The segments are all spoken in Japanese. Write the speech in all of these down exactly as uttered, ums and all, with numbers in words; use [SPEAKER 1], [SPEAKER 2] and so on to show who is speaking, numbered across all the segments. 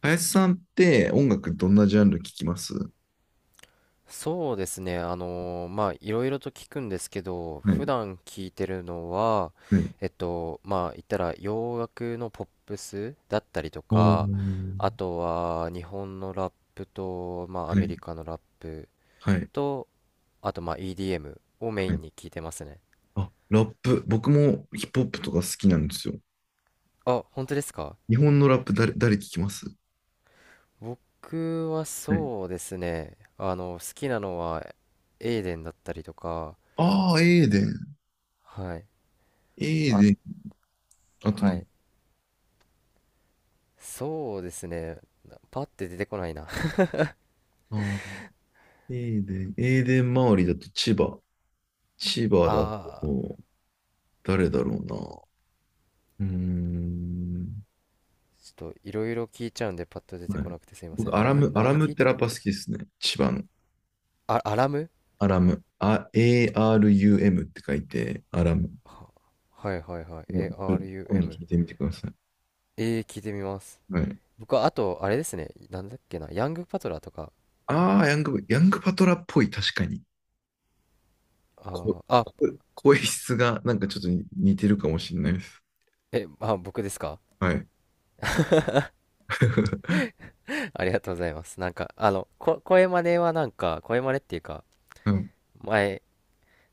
[SPEAKER 1] 林さんって音楽どんなジャンル聞きます？
[SPEAKER 2] そうですね。あのーまあ、いろいろと聞くんですけど、
[SPEAKER 1] は
[SPEAKER 2] 普
[SPEAKER 1] い。
[SPEAKER 2] 段聞いてるのは、
[SPEAKER 1] はい。
[SPEAKER 2] えっと、まあ、言ったら洋楽のポップスだったりと
[SPEAKER 1] おー、
[SPEAKER 2] か、あとは日本のラップと、まあ、ア
[SPEAKER 1] は
[SPEAKER 2] メ
[SPEAKER 1] い。
[SPEAKER 2] リカのラップ
[SPEAKER 1] はい。
[SPEAKER 2] と、あと、まあ、イーディーエム をメイ
[SPEAKER 1] は
[SPEAKER 2] ン
[SPEAKER 1] い。
[SPEAKER 2] に聞いてますね。
[SPEAKER 1] あ、ラップ。僕もヒップホップとか好きなんですよ。
[SPEAKER 2] あ、本当ですか？
[SPEAKER 1] 日本のラップ誰、誰聞きます？
[SPEAKER 2] 僕は
[SPEAKER 1] はい。
[SPEAKER 2] そうですね。あの、好きなのは、エイデンだったりとか、
[SPEAKER 1] ああ、エーデン。
[SPEAKER 2] はい。
[SPEAKER 1] エー
[SPEAKER 2] あ、
[SPEAKER 1] デン。あとな
[SPEAKER 2] は
[SPEAKER 1] んだ。
[SPEAKER 2] い。そうですね。パッて出てこないな。
[SPEAKER 1] あー、エーデン。エーデン周りだと千葉。千葉だ
[SPEAKER 2] ああ、
[SPEAKER 1] と、誰だろうな。うーん。
[SPEAKER 2] ちょっといろいろ聞いちゃうんでパッと出て
[SPEAKER 1] はい。
[SPEAKER 2] こなくてすいませ
[SPEAKER 1] 僕、
[SPEAKER 2] ん。
[SPEAKER 1] アラ
[SPEAKER 2] 何、
[SPEAKER 1] ム、アラ
[SPEAKER 2] 何
[SPEAKER 1] ムっ
[SPEAKER 2] 聞い
[SPEAKER 1] て
[SPEAKER 2] て
[SPEAKER 1] ラ
[SPEAKER 2] た
[SPEAKER 1] ッ
[SPEAKER 2] っ
[SPEAKER 1] パ
[SPEAKER 2] け
[SPEAKER 1] ー好
[SPEAKER 2] な。
[SPEAKER 1] きですね。千葉の。
[SPEAKER 2] あ、アラム、
[SPEAKER 1] アラム、あ、エーアールユーエム って書いて、アラム。
[SPEAKER 2] はいはいはい。
[SPEAKER 1] 今度
[SPEAKER 2] アラム。
[SPEAKER 1] 聞いてみてください。
[SPEAKER 2] えー、聞いてみます。
[SPEAKER 1] はい。
[SPEAKER 2] 僕はあと、あれですね。なんだっけな。ヤングパトラーとか。
[SPEAKER 1] ああ、ヤング、ヤングパトラっぽい、確かに。こ、
[SPEAKER 2] ああ、あ、
[SPEAKER 1] こ声質がなんかちょっと似てるかもしれないです。
[SPEAKER 2] え、あ、僕ですか？
[SPEAKER 1] はい。
[SPEAKER 2] ありがとうございます。なんか、あの、こ、声真似はなんか、声真似っていうか、
[SPEAKER 1] うん、
[SPEAKER 2] 前、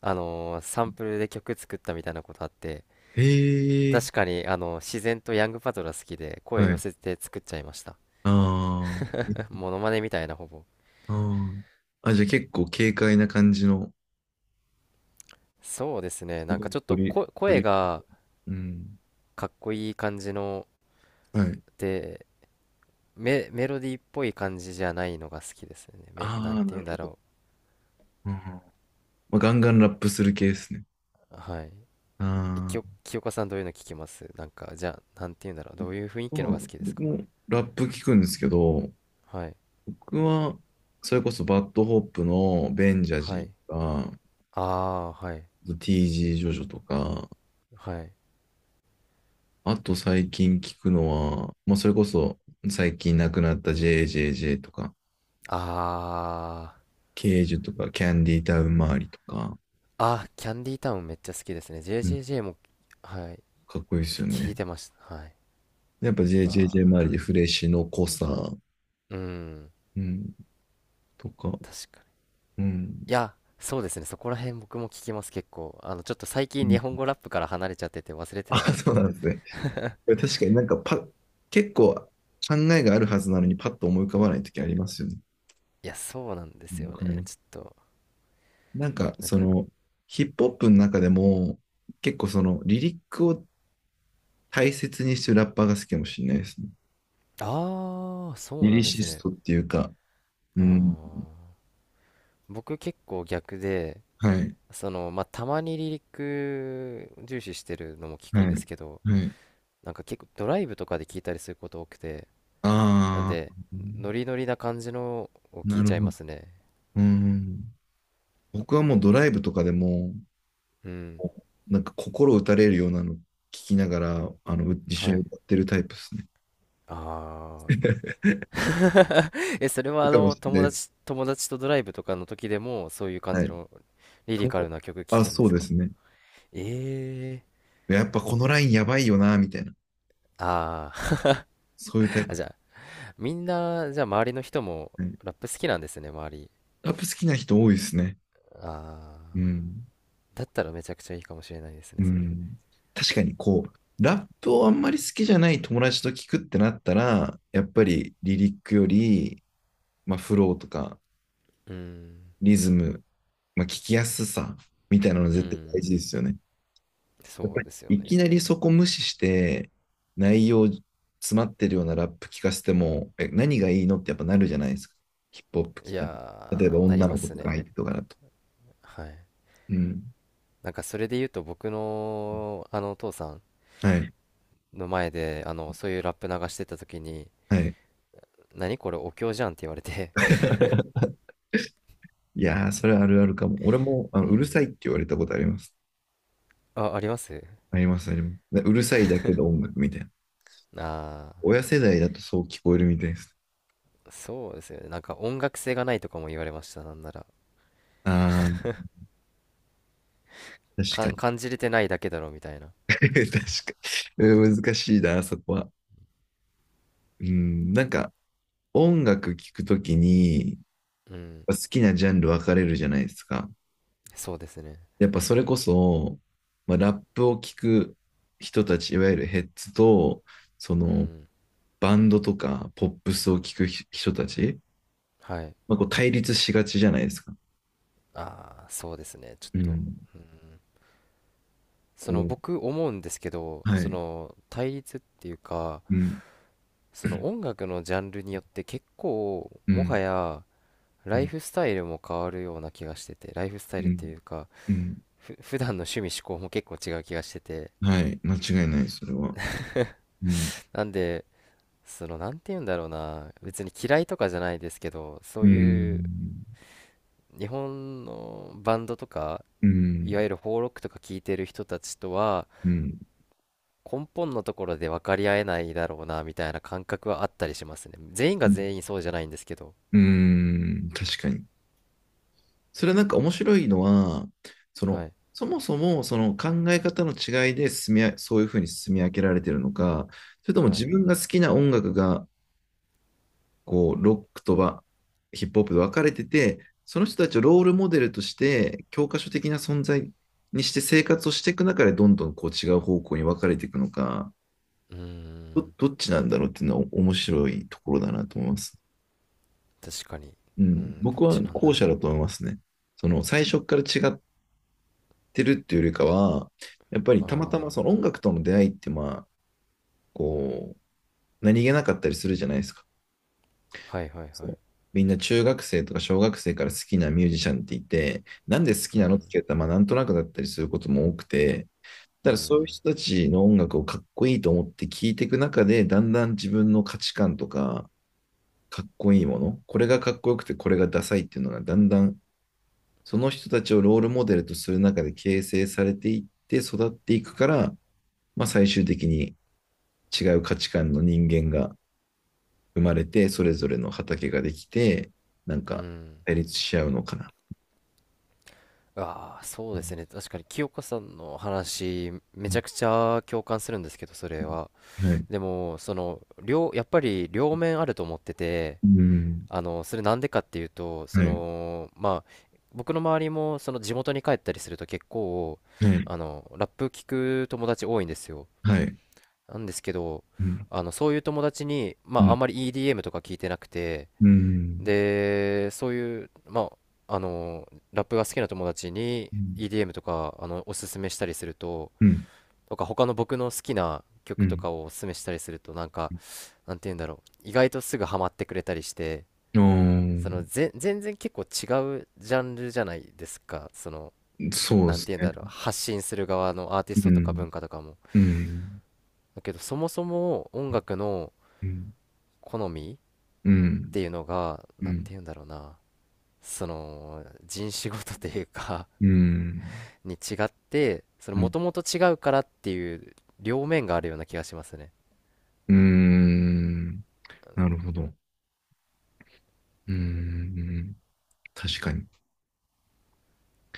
[SPEAKER 2] あのーサンプルで曲作ったみたいなことあって、
[SPEAKER 1] へえ、
[SPEAKER 2] 確かに、あの、自然とヤングパトラ好きで、声
[SPEAKER 1] は
[SPEAKER 2] 寄
[SPEAKER 1] い。
[SPEAKER 2] せて作っちゃいました。
[SPEAKER 1] あー、 え、
[SPEAKER 2] モノマネみたいな、ほぼ。
[SPEAKER 1] あー。あ、じゃあ結構軽快な感じの、
[SPEAKER 2] そうですね、
[SPEAKER 1] す
[SPEAKER 2] なん
[SPEAKER 1] ご
[SPEAKER 2] か
[SPEAKER 1] い
[SPEAKER 2] ちょっと
[SPEAKER 1] 鳥、
[SPEAKER 2] こ声
[SPEAKER 1] 鳥、
[SPEAKER 2] が
[SPEAKER 1] うん。
[SPEAKER 2] かっこいい感じの、
[SPEAKER 1] はい。
[SPEAKER 2] で、メ、メロディーっぽい感じじゃないのが好きですね。め、
[SPEAKER 1] あ
[SPEAKER 2] なん
[SPEAKER 1] あ、
[SPEAKER 2] て
[SPEAKER 1] な
[SPEAKER 2] 言うん
[SPEAKER 1] る
[SPEAKER 2] だ
[SPEAKER 1] ほど。
[SPEAKER 2] ろ
[SPEAKER 1] うん、まあ、ガンガンラップする系ですね。
[SPEAKER 2] う。はい。え、き
[SPEAKER 1] あ
[SPEAKER 2] よ、
[SPEAKER 1] あ。
[SPEAKER 2] 清香さんどういうの聞きます？なんか、じゃあ、なんて言うんだろう。どういう雰囲気の
[SPEAKER 1] う
[SPEAKER 2] が好
[SPEAKER 1] ん、
[SPEAKER 2] きです
[SPEAKER 1] 僕
[SPEAKER 2] か？
[SPEAKER 1] もラップ聞くんですけど、
[SPEAKER 2] はい。
[SPEAKER 1] 僕は、それこそバッドホップのベンジャ
[SPEAKER 2] は
[SPEAKER 1] ジ
[SPEAKER 2] い。
[SPEAKER 1] ーとか、
[SPEAKER 2] ああ、はい。
[SPEAKER 1] ティージー ジージョジョとか、
[SPEAKER 2] はい。
[SPEAKER 1] あと最近聞くのは、まあ、それこそ最近亡くなった ジェイジェイジェイ とか、
[SPEAKER 2] ああ。
[SPEAKER 1] ケージュとか、キャンディータウン周りとか、
[SPEAKER 2] あ、キャンディータウンめっちゃ好きですね。
[SPEAKER 1] うん、
[SPEAKER 2] ジェイジェイジェイ も、はい。
[SPEAKER 1] かっこいいですよ
[SPEAKER 2] 聞い
[SPEAKER 1] ね。
[SPEAKER 2] てました。はい。
[SPEAKER 1] やっぱ
[SPEAKER 2] わ
[SPEAKER 1] ジェイジェイジェイ
[SPEAKER 2] あ。
[SPEAKER 1] 周りでフレッシュの濃さ、
[SPEAKER 2] うん。
[SPEAKER 1] うん、とか、
[SPEAKER 2] 確かに。
[SPEAKER 1] うん。
[SPEAKER 2] いや、そうですね。そこら辺僕も聞きます、結構。あの、ちょっと最近日本語ラップから離れちゃってて忘れて
[SPEAKER 1] あ、
[SPEAKER 2] たんです
[SPEAKER 1] そ
[SPEAKER 2] け
[SPEAKER 1] うな
[SPEAKER 2] ど。
[SPEAKER 1] んですね。確かになんかパ、結構考えがあるはずなのにパッと思い浮かばないときありますよね。
[SPEAKER 2] いや、そうなんで
[SPEAKER 1] う
[SPEAKER 2] す
[SPEAKER 1] ん、わ
[SPEAKER 2] よ
[SPEAKER 1] かり
[SPEAKER 2] ね。
[SPEAKER 1] ま
[SPEAKER 2] ち
[SPEAKER 1] す。
[SPEAKER 2] ょっと、
[SPEAKER 1] なんか、
[SPEAKER 2] なん
[SPEAKER 1] そ
[SPEAKER 2] か、
[SPEAKER 1] の、ヒップホップの中でも、結構その、リリックを大切にしてるラッパーが好きかもしれないですね。
[SPEAKER 2] ああ、そ
[SPEAKER 1] リ
[SPEAKER 2] うな
[SPEAKER 1] リ
[SPEAKER 2] んで
[SPEAKER 1] シ
[SPEAKER 2] す
[SPEAKER 1] ス
[SPEAKER 2] ね。
[SPEAKER 1] トっていうか、
[SPEAKER 2] あ
[SPEAKER 1] うん。
[SPEAKER 2] あ。僕結構逆で、
[SPEAKER 1] はい、
[SPEAKER 2] その、まあ、たまにリリック重視してるのも聞
[SPEAKER 1] は
[SPEAKER 2] くん
[SPEAKER 1] い、
[SPEAKER 2] ですけど、
[SPEAKER 1] はい。
[SPEAKER 2] なんか結構ドライブとかで聞いたりすること多くて、なん
[SPEAKER 1] あ
[SPEAKER 2] で、
[SPEAKER 1] あ、
[SPEAKER 2] ノリノリな感じのを聞
[SPEAKER 1] な
[SPEAKER 2] い
[SPEAKER 1] る
[SPEAKER 2] ちゃい
[SPEAKER 1] ほ
[SPEAKER 2] ま
[SPEAKER 1] ど。
[SPEAKER 2] すね。
[SPEAKER 1] うん。僕はもうドライブとかでも、
[SPEAKER 2] うん。
[SPEAKER 1] なんか心打たれるようなの聞きながら、あの、う、一緒
[SPEAKER 2] は
[SPEAKER 1] に
[SPEAKER 2] い。
[SPEAKER 1] 歌ってるタイプですね。
[SPEAKER 2] ああ。え、それは
[SPEAKER 1] る
[SPEAKER 2] あ
[SPEAKER 1] かも
[SPEAKER 2] の、
[SPEAKER 1] しれない
[SPEAKER 2] 友
[SPEAKER 1] です。
[SPEAKER 2] 達、友達とドライブとかの時でも、そういう感
[SPEAKER 1] は
[SPEAKER 2] じ
[SPEAKER 1] い。
[SPEAKER 2] のリリカル
[SPEAKER 1] と、
[SPEAKER 2] な曲聴
[SPEAKER 1] あ、
[SPEAKER 2] くんで
[SPEAKER 1] そう
[SPEAKER 2] す
[SPEAKER 1] で
[SPEAKER 2] か？
[SPEAKER 1] すね。
[SPEAKER 2] ええ、
[SPEAKER 1] やっぱこのラインやばいよな、みたいな。
[SPEAKER 2] ああー
[SPEAKER 1] そういうタイ
[SPEAKER 2] あ、
[SPEAKER 1] プで
[SPEAKER 2] じゃ
[SPEAKER 1] す
[SPEAKER 2] あ、みんな、じゃあ周りの人も
[SPEAKER 1] ね。
[SPEAKER 2] ラップ好きなんですね、周り。
[SPEAKER 1] ラップ好きな人多いですね。
[SPEAKER 2] あ
[SPEAKER 1] う
[SPEAKER 2] あ。
[SPEAKER 1] ん。
[SPEAKER 2] だったらめちゃくちゃいいかもしれないですね、
[SPEAKER 1] う
[SPEAKER 2] それ。
[SPEAKER 1] ん。確かにこう、ラップをあんまり好きじゃない友達と聞くってなったら、やっぱりリリックより、まあ、フローとか
[SPEAKER 2] うん。
[SPEAKER 1] リズム、まあ、聞きやすさみたいなの
[SPEAKER 2] う
[SPEAKER 1] 絶対大事
[SPEAKER 2] ん。
[SPEAKER 1] ですよね。やっ
[SPEAKER 2] そ
[SPEAKER 1] ぱ
[SPEAKER 2] う
[SPEAKER 1] り
[SPEAKER 2] ですよ
[SPEAKER 1] い
[SPEAKER 2] ね。
[SPEAKER 1] きなりそこ無視して内容詰まってるようなラップ聞かせても、え、何がいいのってやっぱなるじゃないですか。ヒップホップ
[SPEAKER 2] い
[SPEAKER 1] 聞かない。例えば
[SPEAKER 2] やー、なり
[SPEAKER 1] 女
[SPEAKER 2] ま
[SPEAKER 1] の子
[SPEAKER 2] す
[SPEAKER 1] と
[SPEAKER 2] ね。
[SPEAKER 1] か相手とかだと。
[SPEAKER 2] はい。
[SPEAKER 1] うん。
[SPEAKER 2] なんかそれで言うと、僕のあのお父さん
[SPEAKER 1] はい。
[SPEAKER 2] の前であのそういうラップ流してた時に、
[SPEAKER 1] はい。
[SPEAKER 2] 何これお経じゃんって言われて。
[SPEAKER 1] いやー、それはあるあるかも。俺もあ
[SPEAKER 2] う
[SPEAKER 1] のうるさ
[SPEAKER 2] ん。
[SPEAKER 1] いって言われたことあります。
[SPEAKER 2] あ、あります？
[SPEAKER 1] あります、あります。で、うるさいだけど音楽みたいな。
[SPEAKER 2] ああ
[SPEAKER 1] 親世代だとそう聞こえるみたいです。
[SPEAKER 2] ー、そうですよね。なんか音楽性がないとかも言われました。なんなら。
[SPEAKER 1] ああ、確
[SPEAKER 2] か
[SPEAKER 1] かに。
[SPEAKER 2] 感じれてないだけだろみたいな。
[SPEAKER 1] 確かに。うん、難しいな、そこは。うん、なんか音楽聴くときに、
[SPEAKER 2] うん。
[SPEAKER 1] 好きなジャンル分かれるじゃないですか。
[SPEAKER 2] そうですね。
[SPEAKER 1] やっぱそれこそ、まあ、ラップを聴く人たち、いわゆるヘッズと、そ
[SPEAKER 2] う
[SPEAKER 1] の
[SPEAKER 2] ん。
[SPEAKER 1] バンドとかポップスを聴く人たち、
[SPEAKER 2] はい。
[SPEAKER 1] まあ、こう対立しがちじゃないですか。
[SPEAKER 2] ああ、そうですね。ちょっ
[SPEAKER 1] う
[SPEAKER 2] と。
[SPEAKER 1] ん。
[SPEAKER 2] うん。そ
[SPEAKER 1] こ
[SPEAKER 2] の
[SPEAKER 1] う、
[SPEAKER 2] 僕思うんですけど、
[SPEAKER 1] は
[SPEAKER 2] そ
[SPEAKER 1] い。
[SPEAKER 2] の対立っていうか、
[SPEAKER 1] うん。
[SPEAKER 2] そ
[SPEAKER 1] う
[SPEAKER 2] の
[SPEAKER 1] ん。
[SPEAKER 2] 音楽のジャンルによって、結構
[SPEAKER 1] う
[SPEAKER 2] もは
[SPEAKER 1] ん。
[SPEAKER 2] やライフスタイルも変わるような気がしてて、ライフスタ
[SPEAKER 1] う
[SPEAKER 2] イルって
[SPEAKER 1] ん。
[SPEAKER 2] いうか、
[SPEAKER 1] うん。
[SPEAKER 2] ふ普段の趣味嗜好も結構違う気がしてて、
[SPEAKER 1] はい。間違いない、それは。うん。
[SPEAKER 2] なんで、そのなんて言うんだろうな、別に嫌いとかじゃないですけど、そう
[SPEAKER 1] う
[SPEAKER 2] いう
[SPEAKER 1] ん。
[SPEAKER 2] 日本のバンドとか、
[SPEAKER 1] う
[SPEAKER 2] いわ
[SPEAKER 1] ん。
[SPEAKER 2] ゆる邦ロックとか聴いてる人たちとは、
[SPEAKER 1] うん。
[SPEAKER 2] 根本のところで分かり合えないだろうなみたいな感覚はあったりしますね。全員が
[SPEAKER 1] うん。
[SPEAKER 2] 全員そうじゃないんですけど。
[SPEAKER 1] うん、確かに。それはなんか面白いのは、そ
[SPEAKER 2] は
[SPEAKER 1] の、
[SPEAKER 2] い
[SPEAKER 1] そもそもその考え方の違いで進み、あ、そういうふうに進み分けられてるのか、それとも
[SPEAKER 2] はい。
[SPEAKER 1] 自分が好きな音楽が、こう、ロックとはヒップホップで分かれてて、その人たちをロールモデルとして、教科書的な存在にして生活をしていく中で、どんどんこう違う方向に分かれていくのか、
[SPEAKER 2] うー
[SPEAKER 1] ど、
[SPEAKER 2] ん。
[SPEAKER 1] どっちなんだろうっていうのは面白いところだなと思います。
[SPEAKER 2] 確かに。
[SPEAKER 1] う
[SPEAKER 2] う
[SPEAKER 1] ん、
[SPEAKER 2] ん、ど
[SPEAKER 1] 僕
[SPEAKER 2] っ
[SPEAKER 1] は
[SPEAKER 2] ちなんだ
[SPEAKER 1] 後者
[SPEAKER 2] ろ
[SPEAKER 1] だと思いますね。その最初から違ってるっていうよりかは、やっぱり
[SPEAKER 2] う。
[SPEAKER 1] たまたま
[SPEAKER 2] あ
[SPEAKER 1] その
[SPEAKER 2] あ
[SPEAKER 1] 音楽との出会いって、まあ、こう、何気なかったりするじゃないですか。
[SPEAKER 2] ー。はいはいはい。
[SPEAKER 1] そう、みんな中学生とか小学生から好きなミュージシャンっていて、なんで好き
[SPEAKER 2] う
[SPEAKER 1] なのって
[SPEAKER 2] ん
[SPEAKER 1] 聞いたら、まあ、なんとなくだったりすることも多くて、
[SPEAKER 2] う
[SPEAKER 1] た、だからそういう
[SPEAKER 2] ん
[SPEAKER 1] 人たちの音楽をかっこいいと思って聞いていく中で、だんだん自分の価値観とか、かっこいいもの、これがかっこよくてこれがダサいっていうのが、だんだんその人たちをロールモデルとする中で形成されていって育っていくから、まあ、最終的に違う価値観の人間が生まれて、それぞれの畑ができて、なん
[SPEAKER 2] う
[SPEAKER 1] か
[SPEAKER 2] ん。
[SPEAKER 1] 対立し合うのかな。
[SPEAKER 2] ああ、そ
[SPEAKER 1] う
[SPEAKER 2] うです
[SPEAKER 1] ん、
[SPEAKER 2] ね。確かに清香さんの話、めち
[SPEAKER 1] う
[SPEAKER 2] ゃくちゃ共感するんですけど、それは。
[SPEAKER 1] ん、はい。
[SPEAKER 2] でも、その、両、やっぱり両面あると思ってて、
[SPEAKER 1] うん。
[SPEAKER 2] あの、それなんでかっていうと、そ
[SPEAKER 1] はい。
[SPEAKER 2] の、まあ、僕の周りも、その地元に帰ったりすると結構、
[SPEAKER 1] はい。
[SPEAKER 2] あの、ラップ聞く友達多いんですよ。
[SPEAKER 1] はい。
[SPEAKER 2] なんですけど、
[SPEAKER 1] うん。
[SPEAKER 2] あの、そういう友達に、ま
[SPEAKER 1] う
[SPEAKER 2] あ、あ
[SPEAKER 1] ん。
[SPEAKER 2] んまり イーディーエム とか聞いてなくて、
[SPEAKER 1] うん。
[SPEAKER 2] で、そういう、まあ、あの、ラップが好きな友達に
[SPEAKER 1] うん。
[SPEAKER 2] イーディーエム とか、あの、おすすめしたりすると、
[SPEAKER 1] うん。
[SPEAKER 2] とか他の僕の好きな
[SPEAKER 1] う
[SPEAKER 2] 曲と
[SPEAKER 1] ん、
[SPEAKER 2] かをおすすめしたりすると、なんか、なんて言うんだろう、意外とすぐハマってくれたりして、
[SPEAKER 1] あ、
[SPEAKER 2] その、ぜ、全然結構違うジャンルじゃないですか、その、
[SPEAKER 1] そうで
[SPEAKER 2] なん
[SPEAKER 1] す
[SPEAKER 2] て言うんだろう、
[SPEAKER 1] ね。
[SPEAKER 2] 発信する側のアーティ
[SPEAKER 1] う
[SPEAKER 2] ストとか
[SPEAKER 1] ん。
[SPEAKER 2] 文化とかも。
[SPEAKER 1] うん。
[SPEAKER 2] だけど、そもそも音楽の
[SPEAKER 1] うん。
[SPEAKER 2] 好みっ
[SPEAKER 1] うん。
[SPEAKER 2] ていうのが、
[SPEAKER 1] う
[SPEAKER 2] なんて
[SPEAKER 1] ん。
[SPEAKER 2] 言うんだろうな、その、人種ごとというか
[SPEAKER 1] うん。
[SPEAKER 2] に違って、その
[SPEAKER 1] う
[SPEAKER 2] も
[SPEAKER 1] ん、
[SPEAKER 2] ともと違うからっていう両面があるような気がしますね、
[SPEAKER 1] うん、なるほど。うん。確かに。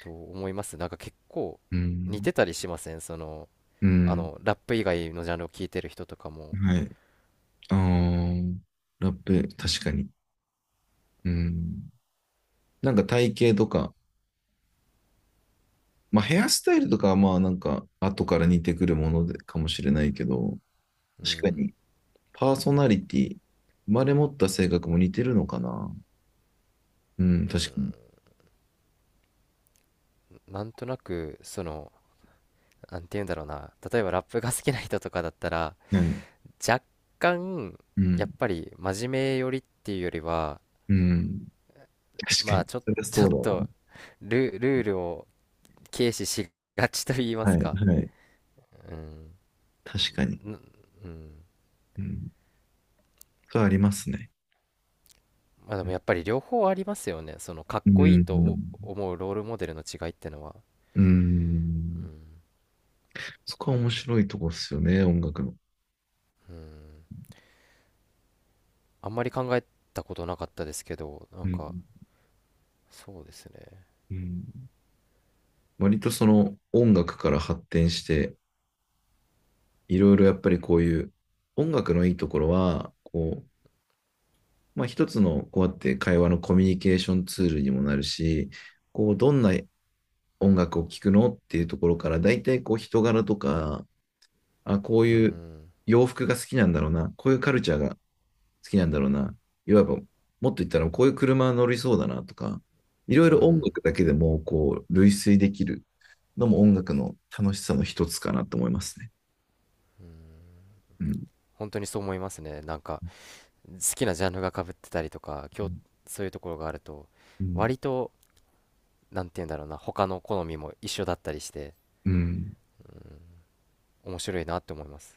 [SPEAKER 2] と思います。なんか結構
[SPEAKER 1] う
[SPEAKER 2] 似
[SPEAKER 1] ん。
[SPEAKER 2] てたりしません？その
[SPEAKER 1] う
[SPEAKER 2] あ
[SPEAKER 1] ん。
[SPEAKER 2] の、ラップ以外のジャンルを聞いてる人とかも。
[SPEAKER 1] はい。あー、ラップ、確かに。うん。なんか体型とか、まあヘアスタイルとかはまあなんか後から似てくるものでかもしれないけど、
[SPEAKER 2] う
[SPEAKER 1] 確か
[SPEAKER 2] ん。
[SPEAKER 1] にパーソナリティ、生まれ持った性格も似てるのかな。うん、確かに。
[SPEAKER 2] なんとなく、そのなんて言うんだろうな、例えばラップが好きな人とかだったら、
[SPEAKER 1] はい。
[SPEAKER 2] 若干
[SPEAKER 1] う
[SPEAKER 2] やっ
[SPEAKER 1] ん。
[SPEAKER 2] ぱり真面目寄りっていうよりは、
[SPEAKER 1] うん。確か
[SPEAKER 2] まあ
[SPEAKER 1] に。
[SPEAKER 2] ちょ
[SPEAKER 1] それは
[SPEAKER 2] ちょ
[SPEAKER 1] そう
[SPEAKER 2] っ
[SPEAKER 1] だな。
[SPEAKER 2] とル、ルールを軽視しがちと言いま
[SPEAKER 1] は
[SPEAKER 2] す
[SPEAKER 1] い。
[SPEAKER 2] か。
[SPEAKER 1] はい。
[SPEAKER 2] うん、
[SPEAKER 1] 確かに。
[SPEAKER 2] んうん。
[SPEAKER 1] うん。それはありますね。
[SPEAKER 2] まあで
[SPEAKER 1] う
[SPEAKER 2] も
[SPEAKER 1] ん、
[SPEAKER 2] やっぱり両方ありますよね、そのかっ
[SPEAKER 1] う
[SPEAKER 2] こいい
[SPEAKER 1] ん、
[SPEAKER 2] と思うロールモデルの違いってのは。
[SPEAKER 1] う
[SPEAKER 2] う
[SPEAKER 1] ん、
[SPEAKER 2] ん、
[SPEAKER 1] そこは面白いとこっすよね、音楽の。
[SPEAKER 2] うん、あんまり考えたことなかったですけど、な
[SPEAKER 1] う
[SPEAKER 2] ん
[SPEAKER 1] ん。
[SPEAKER 2] かそうですね。
[SPEAKER 1] うん、割とその音楽から発展して、いろいろやっぱりこういう音楽のいいところは、こう、まあ一つのこうやって会話のコミュニケーションツールにもなるし、こう、どんな音楽を聴くのっていうところから、大体こう人柄とか、あ、こう
[SPEAKER 2] う
[SPEAKER 1] いう
[SPEAKER 2] ん
[SPEAKER 1] 洋服が好きなんだろうな、こういうカルチャーが好きなんだろうな、いわばもっと言ったらこういう車乗りそうだなとか、いろ
[SPEAKER 2] う
[SPEAKER 1] いろ音
[SPEAKER 2] ん。
[SPEAKER 1] 楽だけでもこう類推できるのも音楽の楽しさの一つかなと思いますね。うん、
[SPEAKER 2] 本当にそう思いますね。なんか好きなジャンルが被ってたりとか、
[SPEAKER 1] う
[SPEAKER 2] 今日そういうところがあると、
[SPEAKER 1] ん。
[SPEAKER 2] 割となんて言うんだろうな、他の好みも一緒だったりして
[SPEAKER 1] うん。
[SPEAKER 2] 面白いなって思います。